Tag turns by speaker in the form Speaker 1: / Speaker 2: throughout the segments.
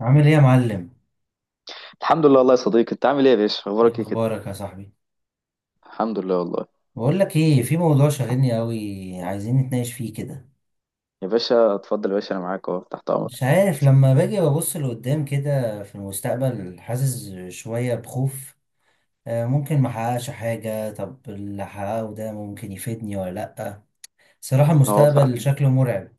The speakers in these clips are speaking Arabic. Speaker 1: عامل ايه يا معلم؟
Speaker 2: الحمد لله والله يا صديقي، انت عامل ايه يا باشا؟ اخبارك
Speaker 1: ايه
Speaker 2: ايه كده؟
Speaker 1: اخبارك يا صاحبي؟
Speaker 2: الحمد لله والله.
Speaker 1: بقول لك ايه، في موضوع شاغلني قوي، عايزين نتناقش فيه كده.
Speaker 2: يا باشا اتفضل، يا باشا انا معاك اهو تحت امرك.
Speaker 1: مش عارف، لما باجي ببص لقدام كده في المستقبل حاسس شوية بخوف. ممكن ما احققش حاجة، طب اللي احققه ده ممكن يفيدني ولا لأ. صراحة
Speaker 2: هو
Speaker 1: المستقبل
Speaker 2: فعلا.
Speaker 1: شكله مرعب.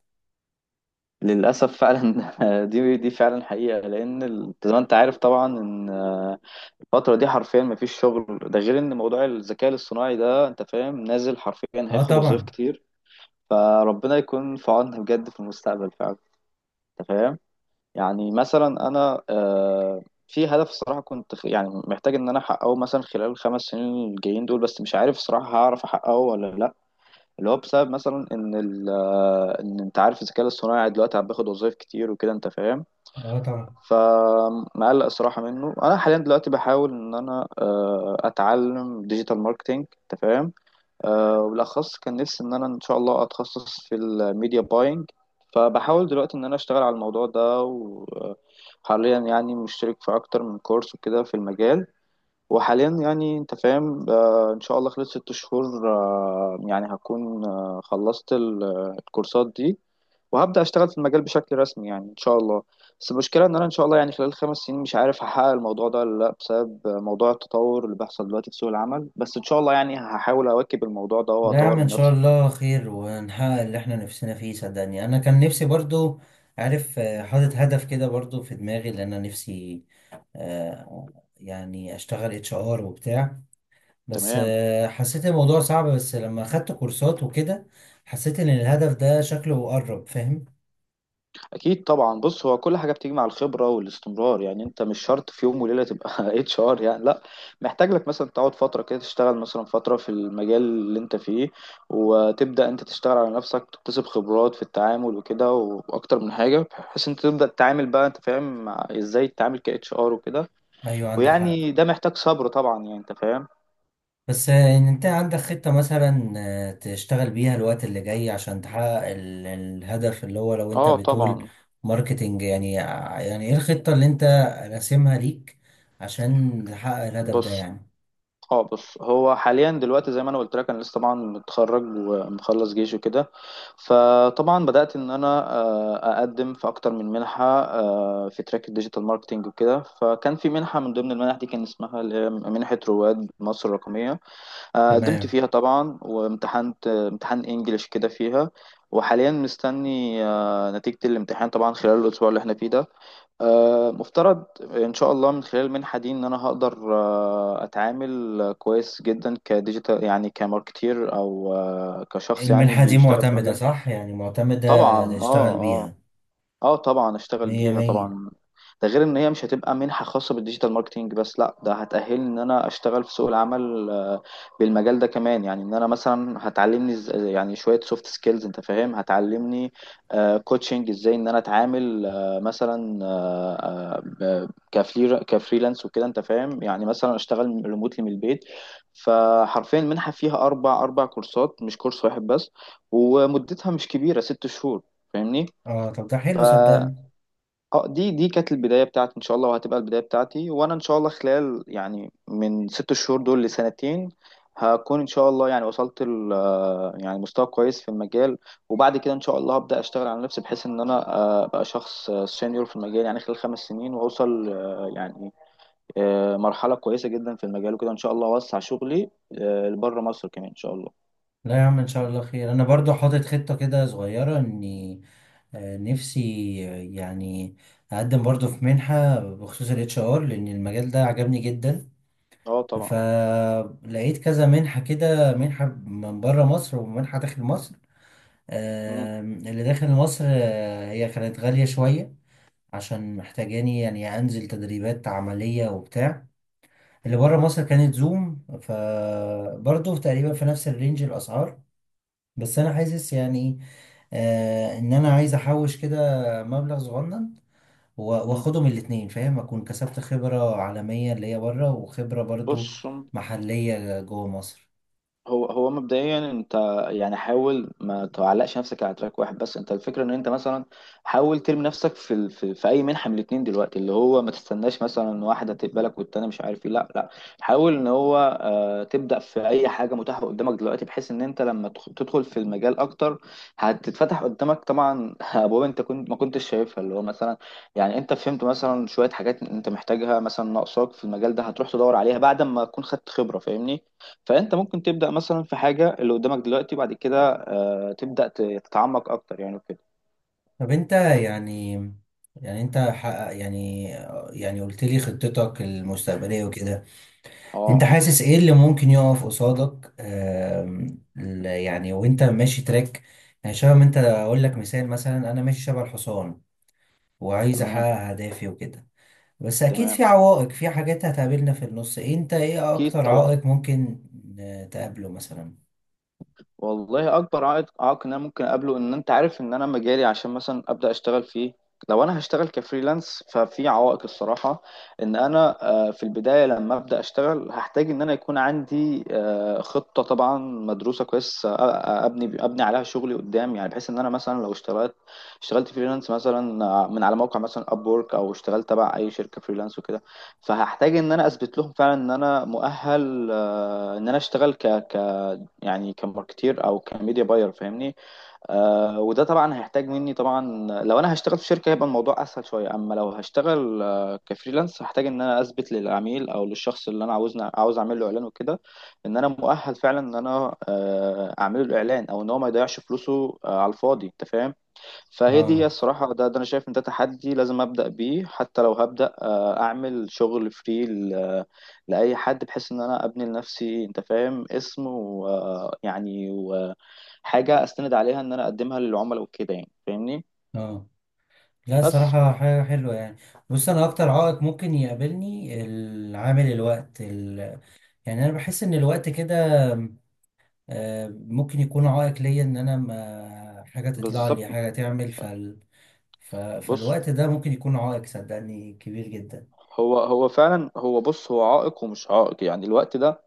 Speaker 2: للاسف فعلا. دي فعلا حقيقه، لان زي ما انت عارف طبعا ان الفتره دي حرفيا ما فيش شغل. ده غير ان موضوع الذكاء الاصطناعي ده انت فاهم نازل، حرفيا
Speaker 1: اه
Speaker 2: هياخد وظائف
Speaker 1: طبعا.
Speaker 2: كتير. فربنا يكون في عوننا بجد في المستقبل فعلا. انت فاهم. يعني مثلا انا في هدف الصراحه كنت يعني محتاج ان انا احققه مثلا خلال الخمس سنين الجايين دول، بس مش عارف الصراحه هعرف احققه ولا لا. اللي هو بسبب مثلا ان ال آه، ان انت عارف الذكاء الاصطناعي دلوقتي عم باخد وظايف كتير وكده، انت فاهم.
Speaker 1: اه طبعا.
Speaker 2: فمقلق الصراحه منه، انا حاليا دلوقتي بحاول ان انا اتعلم ديجيتال ماركتينج. انت فاهم. وبالأخص كان نفسي إن أنا إن شاء الله أتخصص في الميديا باينج. فبحاول دلوقتي إن أنا أشتغل على الموضوع ده، وحاليا يعني مشترك في أكتر من كورس وكده في المجال. وحاليا يعني أنت فاهم، إن شاء الله خلال 6 شهور يعني هكون خلصت الكورسات دي، وهبدأ أشتغل في المجال بشكل رسمي يعني إن شاء الله. بس المشكلة إن أنا إن شاء الله يعني خلال 5 سنين مش عارف هحقق الموضوع ده ولا لأ، بسبب موضوع التطور اللي بيحصل دلوقتي في سوق العمل. بس إن شاء الله يعني هحاول أواكب الموضوع ده
Speaker 1: لا يا عم
Speaker 2: وأطور
Speaker 1: ان
Speaker 2: من
Speaker 1: شاء
Speaker 2: نفسي.
Speaker 1: الله خير ونحقق اللي احنا نفسنا فيه. صدقني انا كان نفسي برضو، عارف، حاطط هدف كده برضو في دماغي، لان انا نفسي، آه، يعني اشتغل اتش ار وبتاع. بس
Speaker 2: تمام.
Speaker 1: حسيت الموضوع صعب، بس لما اخدت كورسات وكده حسيت ان الهدف ده شكله قرب، فاهم.
Speaker 2: اكيد طبعا. بص هو كل حاجه بتيجي مع الخبره والاستمرار، يعني انت مش شرط في يوم وليله تبقى اتش ار، يعني لا. محتاج لك مثلا تقعد فتره كده، تشتغل مثلا فتره في المجال اللي انت فيه، وتبدا انت تشتغل على نفسك، تكتسب خبرات في التعامل وكده واكتر من حاجه، بحيث انت تبدا تتعامل بقى انت فاهم، مع ازاي تتعامل كاتش ار وكده.
Speaker 1: ايوه عندك
Speaker 2: ويعني
Speaker 1: حق.
Speaker 2: ده محتاج صبر طبعا، يعني انت فاهم.
Speaker 1: بس ان انت عندك خطة مثلا، تشتغل بيها الوقت اللي جاي عشان تحقق الهدف. اللي هو لو انت
Speaker 2: اه
Speaker 1: بتقول
Speaker 2: طبعا.
Speaker 1: ماركتينج يعني، يعني ايه الخطة اللي انت راسمها ليك عشان تحقق الهدف ده
Speaker 2: بص
Speaker 1: يعني؟
Speaker 2: اه بص هو حاليا دلوقتي زي ما انا قلت لك، انا لسه طبعا متخرج ومخلص جيش وكده. فطبعا بدأت ان انا اقدم في اكتر من منحة في تراك الديجيتال ماركتينج وكده. فكان في منحة من ضمن المنح دي كان اسمها اللي هي منحة رواد مصر الرقمية. قدمت
Speaker 1: تمام.
Speaker 2: فيها طبعا، وامتحنت امتحان انجليش كده فيها. وحاليا مستني نتيجة الامتحان طبعا، خلال الأسبوع اللي احنا فيه ده. مفترض ان شاء الله من خلال المنحه دي ان انا هقدر اتعامل كويس جدا كديجيتال، يعني كماركتير او كشخص يعني
Speaker 1: المنحة دي
Speaker 2: بيشتغل في
Speaker 1: معتمدة
Speaker 2: مجال.
Speaker 1: صح؟ يعني معتمدة
Speaker 2: طبعا اه.
Speaker 1: تشتغل
Speaker 2: آه.
Speaker 1: بيها؟
Speaker 2: اه طبعا اشتغل
Speaker 1: مية
Speaker 2: بيها
Speaker 1: مية.
Speaker 2: طبعا. ده غير ان هي مش هتبقى منحة خاصة بالديجيتال ماركتينج بس، لا ده هتأهلني ان انا اشتغل في سوق العمل، بالمجال ده كمان، يعني ان انا مثلا هتعلمني يعني شوية سوفت سكيلز انت فاهم، هتعلمني كوتشنج ازاي ان انا اتعامل مثلا كفريلانس وكده انت فاهم، يعني مثلا اشتغل ريموتلي من البيت. فحرفيا المنحة فيها اربع كورسات مش كورس واحد بس، ومدتها مش كبيرة، 6 شهور.
Speaker 1: اه طب ده حلو
Speaker 2: فاهمني.
Speaker 1: صدقني.
Speaker 2: اه، دي كانت البداية بتاعتي ان شاء الله، وهتبقى البداية بتاعتي. وانا ان شاء الله خلال يعني من 6 شهور دول لسنتين، هكون ان شاء الله يعني وصلت ل آه، يعني مستوى كويس في المجال. وبعد كده ان شاء الله هبدأ اشتغل على نفسي، بحيث ان انا ابقى شخص سينيور في المجال، يعني خلال 5 سنين واوصل يعني مرحلة كويسة جدا في المجال وكده، ان شاء الله اوسع شغلي لبره مصر كمان ان شاء الله.
Speaker 1: لا يا عم ان شاء الله خير. انا برضو حاطط خطة كده صغيرة، اني نفسي، يعني اقدم برضو في منحة بخصوص الاتش ار، لان المجال ده عجبني جدا.
Speaker 2: اه طبعا.
Speaker 1: فلقيت كذا منحة كده، منحة من بره مصر ومنحة داخل مصر.
Speaker 2: مم.
Speaker 1: آم، اللي داخل مصر هي كانت غالية شوية، عشان محتاجاني يعني انزل تدريبات عملية وبتاع. اللي بره مصر كانت زوم، فبرضو تقريبا في نفس الرينج الاسعار. بس انا حاسس يعني، آه، ان انا عايز احوش كده مبلغ صغنن و-
Speaker 2: مم.
Speaker 1: واخدهم الاتنين، فاهم، اكون كسبت خبرة عالمية اللي هي بره، وخبرة برضو
Speaker 2: بص،
Speaker 1: محلية جوه مصر.
Speaker 2: هو مبدئيا انت يعني حاول ما تعلقش نفسك على تراك واحد بس، انت الفكره ان انت مثلا حاول ترمي نفسك في اي منحه من الاثنين دلوقتي، اللي هو ما تستناش مثلا واحده تقبلك والتانيه مش عارف ايه، لا لا. حاول ان هو تبدا في اي حاجه متاحه قدامك دلوقتي، بحيث ان انت لما تدخل في المجال اكتر، هتتفتح قدامك طبعا ابواب انت كنت ما كنتش شايفها، اللي هو مثلا يعني انت فهمت مثلا شويه حاجات انت محتاجها، مثلا ناقصاك في المجال ده، هتروح تدور عليها بعد ما تكون خدت خبره، فاهمني. فانت ممكن تبدا مثلا في حاجه اللي قدامك دلوقتي، بعد كده تبدا تتعمق اكتر يعني وكده.
Speaker 1: طب انت يعني، يعني انت حقق يعني يعني قلت لي خطتك المستقبلية وكده، انت
Speaker 2: اه،
Speaker 1: حاسس ايه اللي ممكن يقف قصادك؟ آم، يعني وانت ماشي تراك، يعني شبه، ما انت اقول لك مثال، مثلا انا ماشي شبه الحصان وعايز احقق
Speaker 2: تمام،
Speaker 1: اهدافي وكده، بس اكيد
Speaker 2: تمام.
Speaker 1: في عوائق، في حاجات هتقابلنا في النص. انت ايه
Speaker 2: اكيد
Speaker 1: اكتر
Speaker 2: طبعا.
Speaker 1: عائق ممكن تقابله مثلا؟
Speaker 2: والله، اكبر عائق ان انا ممكن اقابله، ان انت عارف ان انا مجالي، عشان مثلا ابدا اشتغل فيه لو انا هشتغل كفريلانس، ففي عوائق الصراحه. ان انا في البدايه لما ابدا اشتغل، هحتاج ان انا يكون عندي خطه طبعا مدروسه كويس، ابني عليها شغلي قدام، يعني بحيث ان انا مثلا لو اشتغلت فريلانس مثلا من على موقع مثلا ابورك، او اشتغلت تبع اي شركه فريلانس وكده. فهحتاج ان انا اثبت لهم فعلا ان انا مؤهل، ان انا اشتغل ك يعني كماركتير او كميديا باير، فاهمني. وده طبعا هيحتاج مني طبعا. لو انا هشتغل في شركه هيبقى الموضوع اسهل شويه، اما لو هشتغل كفريلانس، هحتاج ان انا اثبت للعميل او للشخص اللي انا عاوز اعمل له اعلان وكده، ان انا مؤهل فعلا ان انا اعمل له اعلان، او ان هو ما يضيعش فلوسه على الفاضي، انت فاهم. فهي دي
Speaker 1: اه.
Speaker 2: الصراحة، ده أنا شايف إن ده تحدي لازم أبدأ بيه، حتى لو هبدأ أعمل شغل لأي حد، بحيث إن أنا أبني لنفسي أنت فاهم اسم، ويعني وحاجة أستند عليها إن أنا أقدمها للعملاء وكده، يعني فاهمني.
Speaker 1: اه. لا
Speaker 2: بس.
Speaker 1: صراحة حاجة حلوة يعني. بص، انا اكتر عائق ممكن يقابلني العامل الوقت يعني انا بحس ان الوقت كده ممكن يكون عائق ليا، ان انا ما حاجة تطلع
Speaker 2: بالظبط.
Speaker 1: لي حاجة تعمل
Speaker 2: بص
Speaker 1: فالوقت ده ممكن يكون عائق صدقني كبير جدا.
Speaker 2: هو هو فعلا هو بص هو عائق ومش عائق، يعني الوقت ده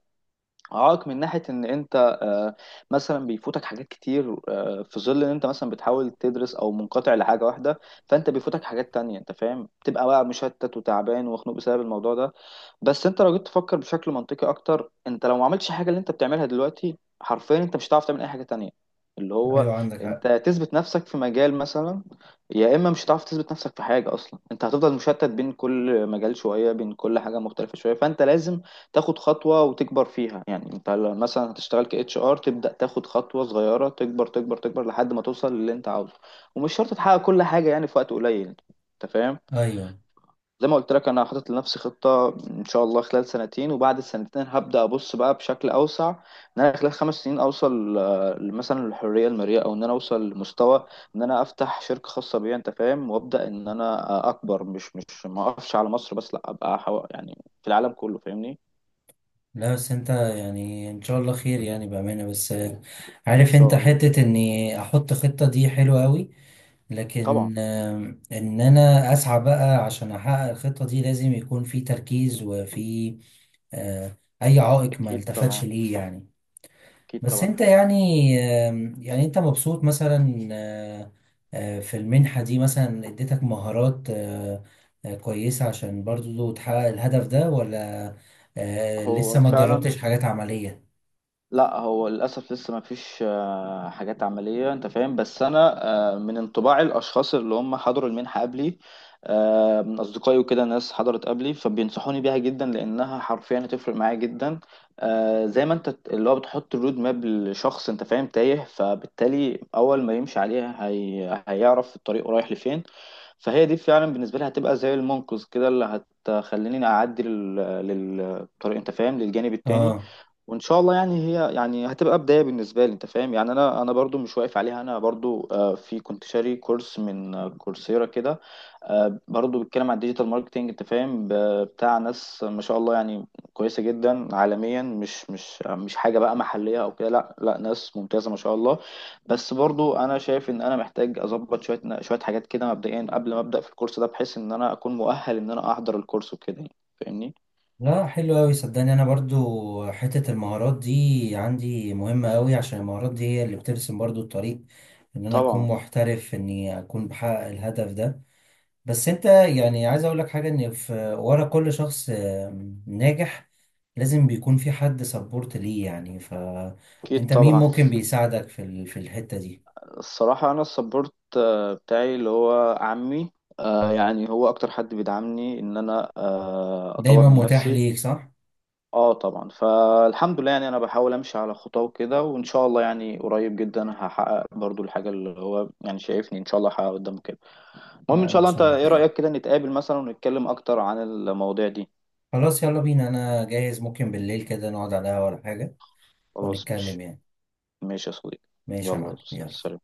Speaker 2: عائق من ناحية إن أنت آه، مثلا بيفوتك حاجات كتير، في ظل إن أنت مثلا بتحاول تدرس أو منقطع لحاجة واحدة، فأنت بيفوتك حاجات تانية أنت فاهم، بتبقى بقى مشتت وتعبان ومخنوق بسبب الموضوع ده. بس انت لو جيت تفكر بشكل منطقي اكتر، انت لو ما عملتش حاجه اللي انت بتعملها دلوقتي، حرفيا انت مش هتعرف تعمل اي حاجه تانية. اللي هو
Speaker 1: ايوه عندك حق.
Speaker 2: انت تثبت نفسك في مجال مثلا، يا اما مش هتعرف تثبت نفسك في حاجه اصلا، انت هتفضل مشتت بين كل مجال شويه، بين كل حاجه مختلفه شويه، فانت لازم تاخد خطوه وتكبر فيها، يعني انت لو مثلا هتشتغل ك اتش ار، تبدا تاخد خطوه صغيره، تكبر، تكبر، تكبر لحد ما توصل للي انت عاوزه. ومش شرط تحقق كل حاجه يعني في وقت قليل. انت فاهم.
Speaker 1: ايوه.
Speaker 2: زي ما قلت لك، انا حاطط لنفسي خطه ان شاء الله خلال سنتين، وبعد السنتين هبدا ابص بقى بشكل اوسع، ان انا خلال 5 سنين اوصل مثلا للحريه الماليه، او ان انا اوصل لمستوى ان انا افتح شركه خاصه بيا انت فاهم، وابدا ان انا اكبر، مش ما اقفش على مصر بس، لا ابقى يعني في العالم كله، فاهمني، ان
Speaker 1: لا بس انت يعني ان شاء الله خير يعني، بأمانة، بس عارف انت
Speaker 2: شاء الله.
Speaker 1: حتة اني احط خطة دي حلوة قوي،
Speaker 2: طبعا.
Speaker 1: لكن آم، ان انا اسعى بقى عشان احقق الخطة دي لازم يكون في تركيز وفي آه، اي عائق ما
Speaker 2: اكيد
Speaker 1: التفتش
Speaker 2: طبعا.
Speaker 1: ليه يعني.
Speaker 2: اكيد
Speaker 1: بس
Speaker 2: طبعا.
Speaker 1: انت يعني، آم، يعني انت مبسوط مثلا في المنحة دي مثلا اديتك مهارات كويسة عشان برضو تحقق الهدف ده، ولا لسه
Speaker 2: هو
Speaker 1: ما
Speaker 2: فعلا.
Speaker 1: جربتش حاجات عملية؟
Speaker 2: لا هو للأسف لسه ما فيش حاجات عملية أنت فاهم، بس أنا من انطباع الأشخاص اللي هم حضروا المنحة قبلي، من أصدقائي وكده، ناس حضرت قبلي فبينصحوني بيها جدا، لأنها حرفيا هتفرق معايا جدا. زي ما أنت اللي هو بتحط الرود ماب لشخص أنت فاهم تايه، فبالتالي أول ما يمشي عليها هيعرف الطريق رايح لفين. فهي دي فعلا بالنسبة لي هتبقى زي المنقذ كده، اللي هتخليني أعدي للطريق أنت فاهم، للجانب التاني.
Speaker 1: اه.
Speaker 2: وان شاء الله يعني هي يعني هتبقى بدايه بالنسبه لي انت فاهم، يعني انا برضو مش واقف عليها، انا برضو كنت شاري كورس من كورسيرا كده، برضو بيتكلم عن الديجيتال ماركتينج انت فاهم، بتاع ناس ما شاء الله يعني، كويسه جدا عالميا، مش حاجه بقى محليه او كده، لا لا ناس ممتازه ما شاء الله. بس برضو انا شايف ان انا محتاج اظبط شويه شويه حاجات كده مبدئيا، قبل ما ابدا في الكورس ده، بحيث ان انا اكون مؤهل ان انا احضر الكورس وكده يعني، فاهمني.
Speaker 1: لا حلو قوي صدقني. انا برضو حتة المهارات دي عندي مهمة قوي، عشان المهارات دي هي اللي بترسم برضو الطريق ان انا اكون
Speaker 2: طبعا.
Speaker 1: محترف، اني اكون بحقق الهدف ده. بس انت يعني، عايز اقول لك حاجة، ان في ورا كل شخص آم، ناجح لازم بيكون في حد سبورت ليه يعني،
Speaker 2: اكيد
Speaker 1: فانت مين
Speaker 2: طبعا.
Speaker 1: ممكن بيساعدك في في الحتة دي؟
Speaker 2: الصراحة أنا السبورت بتاعي اللي هو عمي. يعني هو أكتر حد بيدعمني إن أنا أطور
Speaker 1: دايما
Speaker 2: من
Speaker 1: متاح
Speaker 2: نفسي.
Speaker 1: ليك صح؟
Speaker 2: أه طبعا، فالحمد لله يعني أنا بحاول أمشي على خطاه وكده، وإن شاء الله يعني قريب جدا هحقق برضو الحاجة اللي هو يعني شايفني إن شاء الله هحققها قدامه كده. المهم إن
Speaker 1: لا
Speaker 2: شاء
Speaker 1: ان
Speaker 2: الله، أنت
Speaker 1: شاء الله
Speaker 2: إيه
Speaker 1: خير.
Speaker 2: رأيك كده نتقابل مثلا ونتكلم أكتر عن المواضيع دي؟
Speaker 1: خلاص يلا بينا، انا جاهز، ممكن بالليل كده نقعد على القهوة ولا حاجة
Speaker 2: خلاص مش
Speaker 1: ونتكلم يعني.
Speaker 2: ماشي يا صديقي،
Speaker 1: ماشي يا
Speaker 2: يلا.
Speaker 1: معلم، يلا.
Speaker 2: سلام.